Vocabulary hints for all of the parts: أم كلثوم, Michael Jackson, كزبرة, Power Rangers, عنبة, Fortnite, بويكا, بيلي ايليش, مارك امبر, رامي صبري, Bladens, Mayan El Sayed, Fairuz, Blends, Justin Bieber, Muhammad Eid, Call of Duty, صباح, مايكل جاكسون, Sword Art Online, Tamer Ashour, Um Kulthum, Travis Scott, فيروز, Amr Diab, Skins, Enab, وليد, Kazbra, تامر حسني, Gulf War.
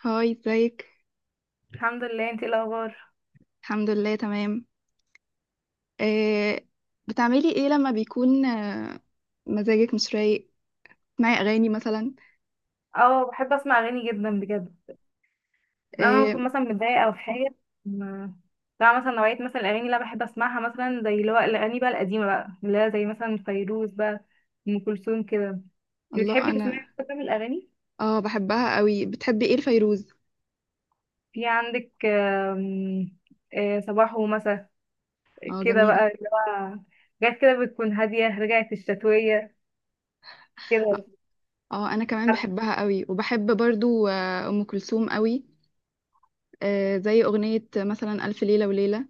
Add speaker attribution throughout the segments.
Speaker 1: هاي ازيك.
Speaker 2: الحمد لله، انتي ايه الاخبار؟
Speaker 1: الحمد لله تمام. آه بتعملي ايه لما بيكون مزاجك مش رايق، تسمعي اغاني مثلا؟
Speaker 2: اه، بحب اسمع اغاني جدا بجد. انا
Speaker 1: آه
Speaker 2: بكون مثلا متضايقه او في حاجه ما- بتاع مثلا نوعيه مثلا الاغاني اللي انا بحب اسمعها مثلا زي اللي هو الاغاني بقى القديمه بقى اللي هي زي مثلا فيروز بقى ام كلثوم كده. انتي
Speaker 1: الله،
Speaker 2: بتحبي
Speaker 1: انا
Speaker 2: تسمعي كده من الاغاني؟
Speaker 1: اه بحبها قوي. بتحبي ايه الفيروز؟
Speaker 2: في عندك صباح ومساء
Speaker 1: اه
Speaker 2: كده
Speaker 1: جميلة.
Speaker 2: بقى اللي هو حاجات كده بتكون هاديه، رجعت الشتويه كده.
Speaker 1: اه انا كمان بحبها قوي، وبحب برضو آه ام كلثوم قوي، آه زي اغنية مثلا الف ليلة وليلة.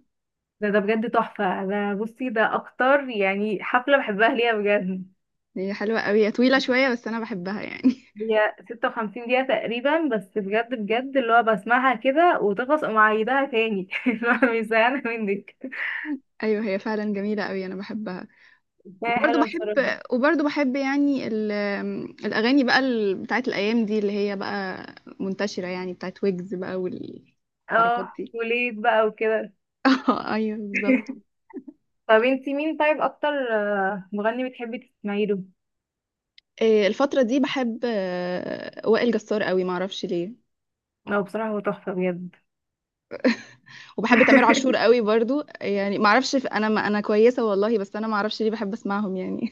Speaker 2: ده بجد تحفه، ده بصي ده اكتر يعني حفله بحبها ليها بجد.
Speaker 1: هي حلوة قوي، هي طويلة شوية بس انا بحبها يعني.
Speaker 2: هي 56 دقيقة تقريبا، بس بجد بجد اللي هو بسمعها كده وتخلص أقوم عيدها تاني. اللي هو مش زهقانة منك.
Speaker 1: ايوه هي فعلا جميلة قوي، انا بحبها.
Speaker 2: هي
Speaker 1: وبرضه
Speaker 2: حلوة
Speaker 1: بحب
Speaker 2: بصراحة.
Speaker 1: وبرضه بحب يعني الأغاني بقى بتاعت الأيام دي، اللي هي بقى منتشرة، يعني بتاعت ويجز بقى والحركات
Speaker 2: اه،
Speaker 1: دي.
Speaker 2: وليد بقى وكده.
Speaker 1: اه ايوه بالظبط.
Speaker 2: طب انتي مين طيب أكتر مغني بتحبي تسمعي له؟
Speaker 1: إيه، الفترة دي بحب وائل جسار قوي، معرفش ليه.
Speaker 2: هو بصراحة هو تحفة بجد.
Speaker 1: وبحب تامر عاشور قوي برضو، يعني معرفش انا ما انا كويسة والله، بس انا معرفش ليه بحب اسمعهم يعني.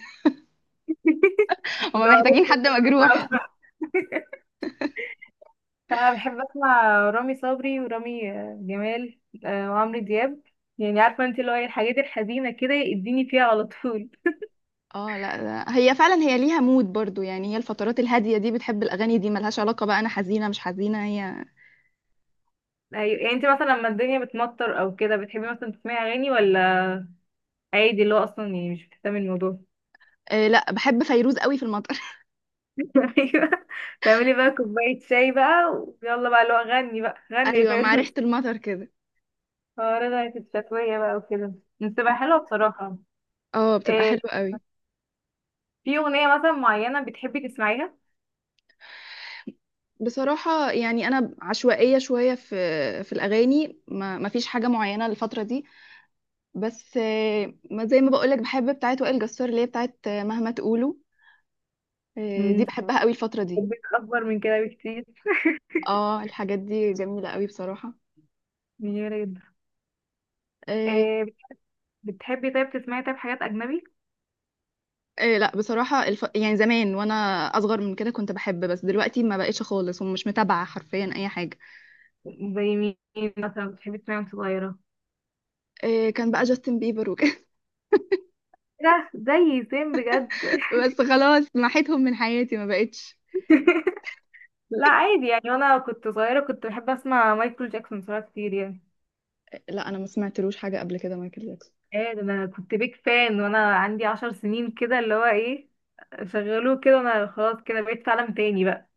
Speaker 1: هما محتاجين
Speaker 2: بعرف إن
Speaker 1: حد
Speaker 2: أنا
Speaker 1: مجروح.
Speaker 2: بسمعه. أنا بحب أسمع رامي صبري ورامي جمال، وعمرو دياب. يعني عارفة انتي اللي هو إيه، الحاجات الحزينة كده يديني فيها على طول.
Speaker 1: اه لا لا، هي فعلا هي ليها مود برضو، يعني هي الفترات الهادية دي بتحب الأغاني دي، ملهاش علاقة بقى أنا حزينة مش حزينة هي.
Speaker 2: أيوة. يعني انت مثلا لما الدنيا بتمطر او كده بتحبي مثلا تسمعي اغاني، ولا عادي اللي هو اصلا يعني مش بتهتمي الموضوع؟
Speaker 1: آه لا، بحب فيروز قوي في المطر.
Speaker 2: ايوه، تعملي بقى كوبايه شاي بقى ويلا بقى اللي هو غني بقى، غني يا
Speaker 1: ايوه، مع ريحة
Speaker 2: فيروز.
Speaker 1: المطر كده.
Speaker 2: اه، رجعت الشتويه بقى وكده، بتبقى حلوه بصراحه.
Speaker 1: اه بتبقى
Speaker 2: إيه،
Speaker 1: حلوة قوي.
Speaker 2: في اغنيه مثلا معينه بتحبي تسمعيها؟
Speaker 1: بصراحة يعني انا عشوائية شوية في الاغاني، ما فيش حاجة معينة الفترة دي. بس آه ما زي ما بقولك، بحب بتاعت وائل جسار، اللي هي بتاعت آه، مهما تقولوا، آه دي
Speaker 2: امم
Speaker 1: بحبها قوي الفترة دي.
Speaker 2: حبيت اكبر من كده بكتير.
Speaker 1: اه الحاجات دي جميلة قوي بصراحة.
Speaker 2: جميله جدا.
Speaker 1: آه.
Speaker 2: إيه بتحبي طيب تسمعي طيب حاجات اجنبي؟
Speaker 1: آه لا بصراحة، يعني زمان وانا اصغر من كده كنت بحب، بس دلوقتي ما بقتش خالص، ومش متابعة حرفيا اي حاجة.
Speaker 2: زي مين مثلا بتحبي تسمعي وانت صغيره؟
Speaker 1: آه كان بقى جاستن بيبر وكده،
Speaker 2: إيه ده، زي سيم بجد.
Speaker 1: بس خلاص محيتهم من حياتي ما بقتش.
Speaker 2: لا عادي، يعني وانا كنت صغيرة كنت بحب اسمع مايكل جاكسون بصراحة كتير يعني.
Speaker 1: لا انا ما سمعتلوش حاجه قبل كده مايكل جاكسون.
Speaker 2: ايه ده، انا كنت بيك فان وانا عندي 10 سنين كده اللي هو ايه. شغلوه كده انا خلاص كده بقيت في عالم تاني بقى.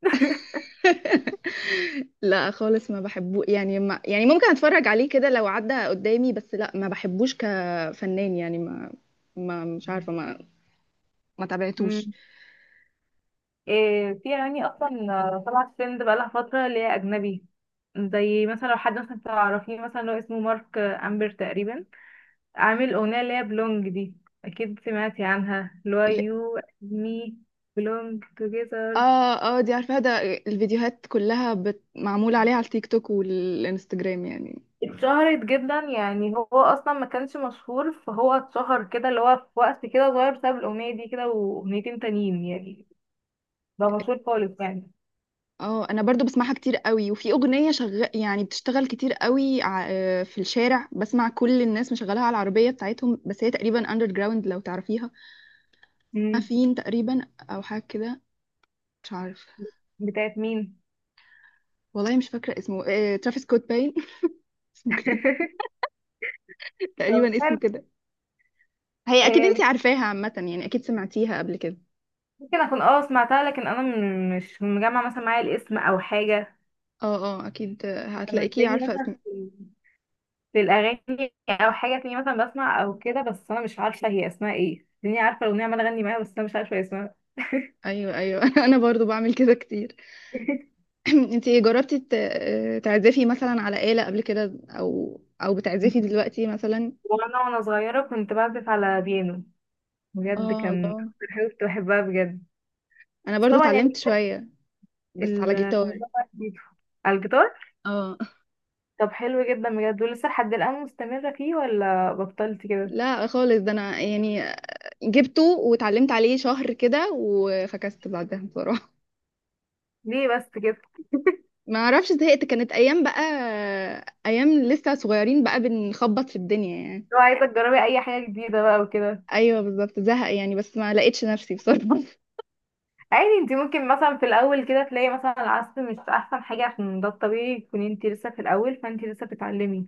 Speaker 1: لا خالص ما بحبه يعني، ما يعني ممكن اتفرج عليه كده لو عدى قدامي، بس لا ما بحبوش كفنان يعني، ما مش عارفه، ما تابعتوش.
Speaker 2: مم. إيه، في اغاني اصلا طلعت ترند بقالها فترة اللي هي اجنبي. زي مثلا لو حد مثلا تعرفيه مثلا اللي هو اسمه مارك امبر تقريبا، عامل اغنية اللي هي بلونج دي. اكيد سمعتي عنها، اللي هو
Speaker 1: ال-
Speaker 2: يو مي بلونج together.
Speaker 1: اه اه دي عارفه ده. الفيديوهات كلها معموله عليها على التيك توك والانستجرام يعني.
Speaker 2: اتشهرت جدا، يعني هو اصلا ما كانش مشهور فهو اتشهر كده اللي هو في وقت كده صغير بسبب الاغنيه دي كده واغنيتين تانيين يعني. بقى مشهور خالص يعني.
Speaker 1: اه انا برضو بسمعها كتير قوي، وفي اغنيه يعني بتشتغل كتير قوي آه، في الشارع بسمع كل الناس مشغلها على العربيه بتاعتهم، بس هي تقريبا اندر جراوند لو تعرفيها. ما
Speaker 2: امم
Speaker 1: فين تقريبا او حاجه كده، مش عارفه.
Speaker 2: بتاعت مين؟
Speaker 1: والله مش فاكره اسمه، آه، ترافيس سكوت باين. اسمه كده
Speaker 2: طب
Speaker 1: تقريبا، اسمه
Speaker 2: حلو.
Speaker 1: كده. هي اكيد
Speaker 2: آه،
Speaker 1: انتي
Speaker 2: بت-
Speaker 1: عارفاها عامه يعني، اكيد سمعتيها قبل كده.
Speaker 2: ممكن اكون سمعتها، لكن انا مش مجمع مثلا معايا الاسم او حاجه.
Speaker 1: اه اه اكيد آه،
Speaker 2: انا
Speaker 1: هتلاقيكي
Speaker 2: تلاقيني
Speaker 1: عارفه اسم.
Speaker 2: مثلا في الاغاني او حاجه، تلاقيني مثلا بسمع او كده، بس انا مش عارفه هي اسمها ايه. تلاقيني عارفه الاغنيه عماله اغني معاها بس انا مش عارفه هي اسمها.
Speaker 1: ايوه ايوه. انا برضو بعمل كده كتير. انت جربتي تعزفي مثلا على آلة قبل كده، او بتعزفي دلوقتي مثلا؟
Speaker 2: وانا صغيره كنت بعزف على بيانو، بجد
Speaker 1: اه
Speaker 2: كان
Speaker 1: الله،
Speaker 2: أكتر حاجة كنت بحبها بجد.
Speaker 1: انا
Speaker 2: بس
Speaker 1: برضو
Speaker 2: طبعا يعني
Speaker 1: اتعلمت شوية بس
Speaker 2: ال-
Speaker 1: على جيتار.
Speaker 2: الموضوع بقى جديد. على الجيتار.
Speaker 1: اه
Speaker 2: طب حلو جدا بجد، ولسه لحد الآن مستمرة فيه ولا بطلت كده؟
Speaker 1: لا خالص، ده انا يعني جبته واتعلمت عليه شهر كده، وفكست بعدها بصراحة.
Speaker 2: ليه بس كده؟
Speaker 1: ما اعرفش زهقت، كانت ايام بقى، ايام لسه صغيرين بقى، بنخبط في الدنيا يعني.
Speaker 2: لو عايزة تجربي أي حاجة جديدة بقى وكده.
Speaker 1: ايوه بالظبط زهق يعني، بس ما لقيتش نفسي بصراحة.
Speaker 2: عادي، انتي ممكن مثلا في الأول كده تلاقي مثلا العزف مش أحسن حاجة، عشان ده الطبيعي تكوني انتي لسه في الأول فانتي لسه بتتعلمي.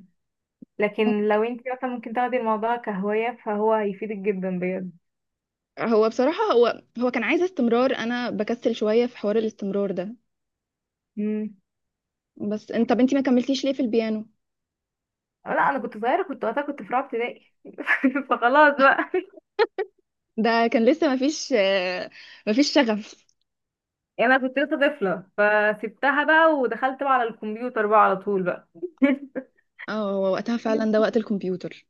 Speaker 2: لكن لو انتي مثلا ممكن تاخدي الموضوع كهواية فهو هيفيدك جدا بجد.
Speaker 1: هو بصراحة هو كان عايز استمرار، انا بكسل شوية في حوار الاستمرار ده.
Speaker 2: مم.
Speaker 1: بس انت، طب انت ما كملتيش ليه في البيانو؟
Speaker 2: لا، أنا كنت صغيرة، كنت وقتها كنت في رابعة ابتدائي فخلاص بقى.
Speaker 1: ده كان لسه ما فيش، ما فيش شغف.
Speaker 2: يعني انا كنت لسه طفله فسبتها بقى ودخلت بقى على الكمبيوتر بقى على طول بقى.
Speaker 1: اه هو وقتها فعلا ده وقت الكمبيوتر.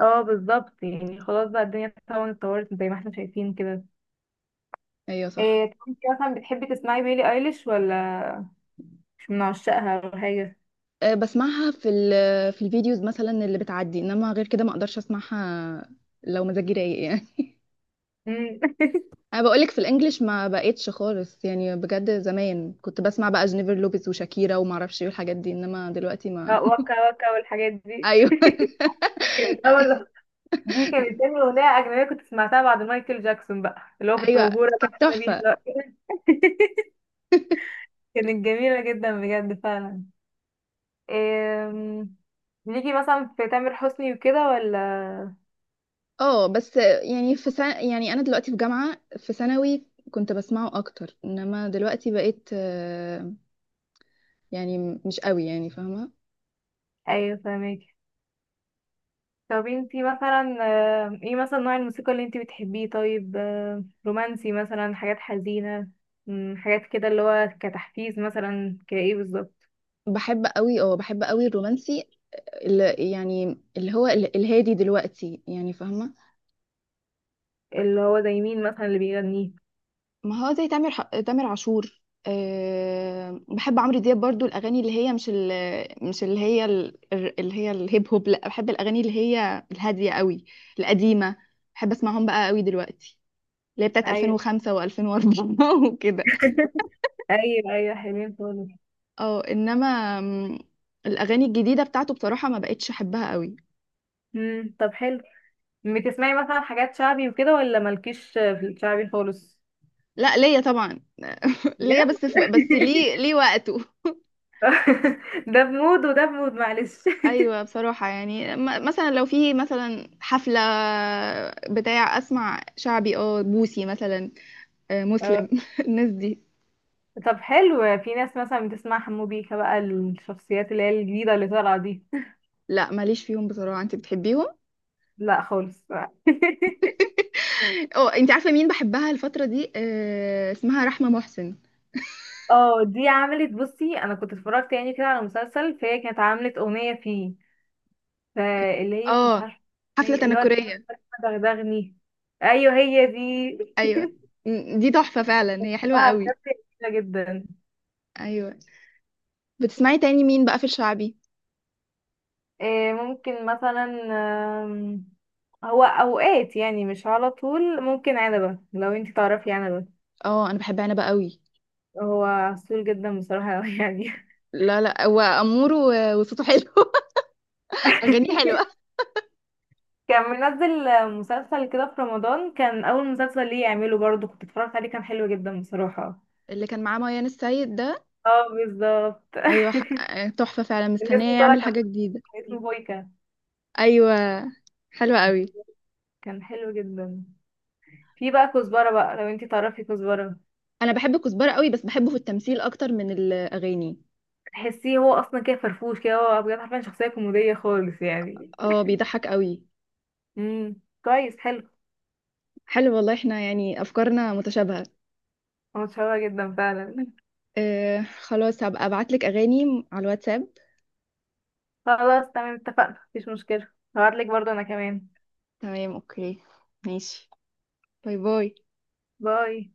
Speaker 2: اه بالظبط، يعني خلاص بقى الدنيا طبعا اتطورت زي ما احنا شايفين كده.
Speaker 1: ايوه صح.
Speaker 2: إيه، طب انت مثلا بتحبي تسمعي بيلي ايليش ولا مش من عشاقها ولا حاجه؟
Speaker 1: آه، بسمعها في في الفيديوز مثلا اللي بتعدي، انما غير كده ما اقدرش اسمعها، لو مزاجي رايق يعني.
Speaker 2: امم
Speaker 1: انا بقولك في الانجليش ما بقتش خالص يعني، بجد زمان كنت بسمع بقى جينيفر لوبيز وشاكيرا، وما اعرفش ايه الحاجات دي، انما دلوقتي ما.
Speaker 2: وكا وكا والحاجات دي
Speaker 1: ايوه.
Speaker 2: كانت اول دي كانت تاني اغنيه اجنبيه كنت سمعتها بعد مايكل جاكسون بقى، اللي هو كنت
Speaker 1: ايوه
Speaker 2: مبهوره
Speaker 1: كانت
Speaker 2: بقى بيه
Speaker 1: تحفة.
Speaker 2: دلوقتي. كانت جميله جدا بجد فعلا. أم، ليكي مثلا في تامر حسني وكده ولا؟
Speaker 1: اه بس يعني في سنة، يعني انا دلوقتي في جامعة، في ثانوي كنت بسمعه اكتر، انما دلوقتي بقيت آه، يعني مش قوي، يعني فاهمة.
Speaker 2: ايوه فاهمك. طب انتي مثلا ايه مثلا نوع الموسيقى اللي انتي بتحبيه؟ طيب رومانسي مثلا، حاجات حزينة، حاجات كده اللي هو كتحفيز مثلا، كايه بالظبط؟
Speaker 1: بحب قوي، اه بحب قوي الرومانسي، اللي يعني اللي هو الهادي دلوقتي، يعني فاهمة.
Speaker 2: اللي هو زي مين مثلا اللي بيغنيه؟
Speaker 1: ما هو زي تامر تامر عاشور، أه بحب عمرو دياب برضو الاغاني اللي هي مش ال، مش اللي هي اللي هي الهيب هوب، لا بحب الاغاني اللي هي الهادية قوي، القديمة. بحب اسمعهم بقى قوي دلوقتي، اللي هي بتاعت
Speaker 2: ايوه.
Speaker 1: 2005 و2004. وكده.
Speaker 2: ايوه ايوه، حلوين خالص.
Speaker 1: اه انما م، الاغاني الجديده بتاعته بصراحه ما بقتش احبها قوي.
Speaker 2: طب حلو. بتسمعي مثلا حاجات شعبي وكده، ولا مالكيش في الشعبي خالص؟
Speaker 1: لا ليا طبعا.
Speaker 2: بجد؟
Speaker 1: ليا، بس في، بس ليه ليه وقته.
Speaker 2: ده بمود وده بمود، معلش.
Speaker 1: ايوه بصراحه يعني مثلا لو في مثلا حفله بتاع اسمع شعبي، اه بوسي مثلا، آه،
Speaker 2: آه،
Speaker 1: مسلم. الناس دي.
Speaker 2: طب حلو. في ناس مثلا بتسمع حمو بيكا بقى، الشخصيات اللي هي الجديدة اللي طالعة دي.
Speaker 1: لا ماليش فيهم بصراحه، انت بتحبيهم؟
Speaker 2: لا خالص.
Speaker 1: اه انت عارفه مين بحبها الفتره دي آه، اسمها رحمه محسن.
Speaker 2: اه، دي عملت، بصي، انا كنت اتفرجت يعني كده على مسلسل فهي كانت عملت اغنية فيه، فاللي هي مش
Speaker 1: اه
Speaker 2: عارفة
Speaker 1: حفله
Speaker 2: اللي هو
Speaker 1: تنكريه.
Speaker 2: دغدغني. ايوه هي دي.
Speaker 1: ايوه دي تحفة فعلا، هي حلوة
Speaker 2: اه بجد،
Speaker 1: قوي.
Speaker 2: جميلة جدا.
Speaker 1: ايوه. بتسمعي تاني مين بقى في الشعبي؟
Speaker 2: ممكن مثلا آم، هو اوقات يعني مش على طول، ممكن عنبة لو انتي تعرفي عنبة.
Speaker 1: اه انا بحب عنبة قوي.
Speaker 2: هو عسول جدا بصراحة يعني.
Speaker 1: لا لا هو امور، وصوته حلو، اغانيه حلوة.
Speaker 2: كان منزل مسلسل كده في رمضان، كان أول مسلسل ليه يعمله برضه، كنت اتفرجت عليه، كان حلو جدا بصراحة.
Speaker 1: اللي كان معاه ميان السيد ده.
Speaker 2: اه بالظبط.
Speaker 1: ايوه تحفة فعلا،
Speaker 2: الاسم
Speaker 1: مستنية
Speaker 2: طلع
Speaker 1: يعمل
Speaker 2: كان
Speaker 1: حاجة جديدة.
Speaker 2: كان اسمه بويكا.
Speaker 1: ايوه حلوة قوي.
Speaker 2: كان حلو جدا. في بقى كزبرة بقى، لو انتي تعرفي كزبرة.
Speaker 1: انا بحب كزبرة قوي، بس بحبه في التمثيل اكتر من الاغاني.
Speaker 2: تحسيه هو أصلا كده فرفوش كده، هو بجد حرفيا شخصية كوميدية خالص يعني.
Speaker 1: اه بيضحك قوي.
Speaker 2: امم كويس، حلو.
Speaker 1: حلو والله، احنا يعني افكارنا متشابهة.
Speaker 2: هو متشوق جدا فعلا.
Speaker 1: آه خلاص، هبقى ابعتلك اغاني على الواتساب.
Speaker 2: خلاص تمام، اتفقنا، مفيش مشكلة. هبعتلك برضه أنا كمان.
Speaker 1: تمام اوكي، ماشي. باي باي.
Speaker 2: باي.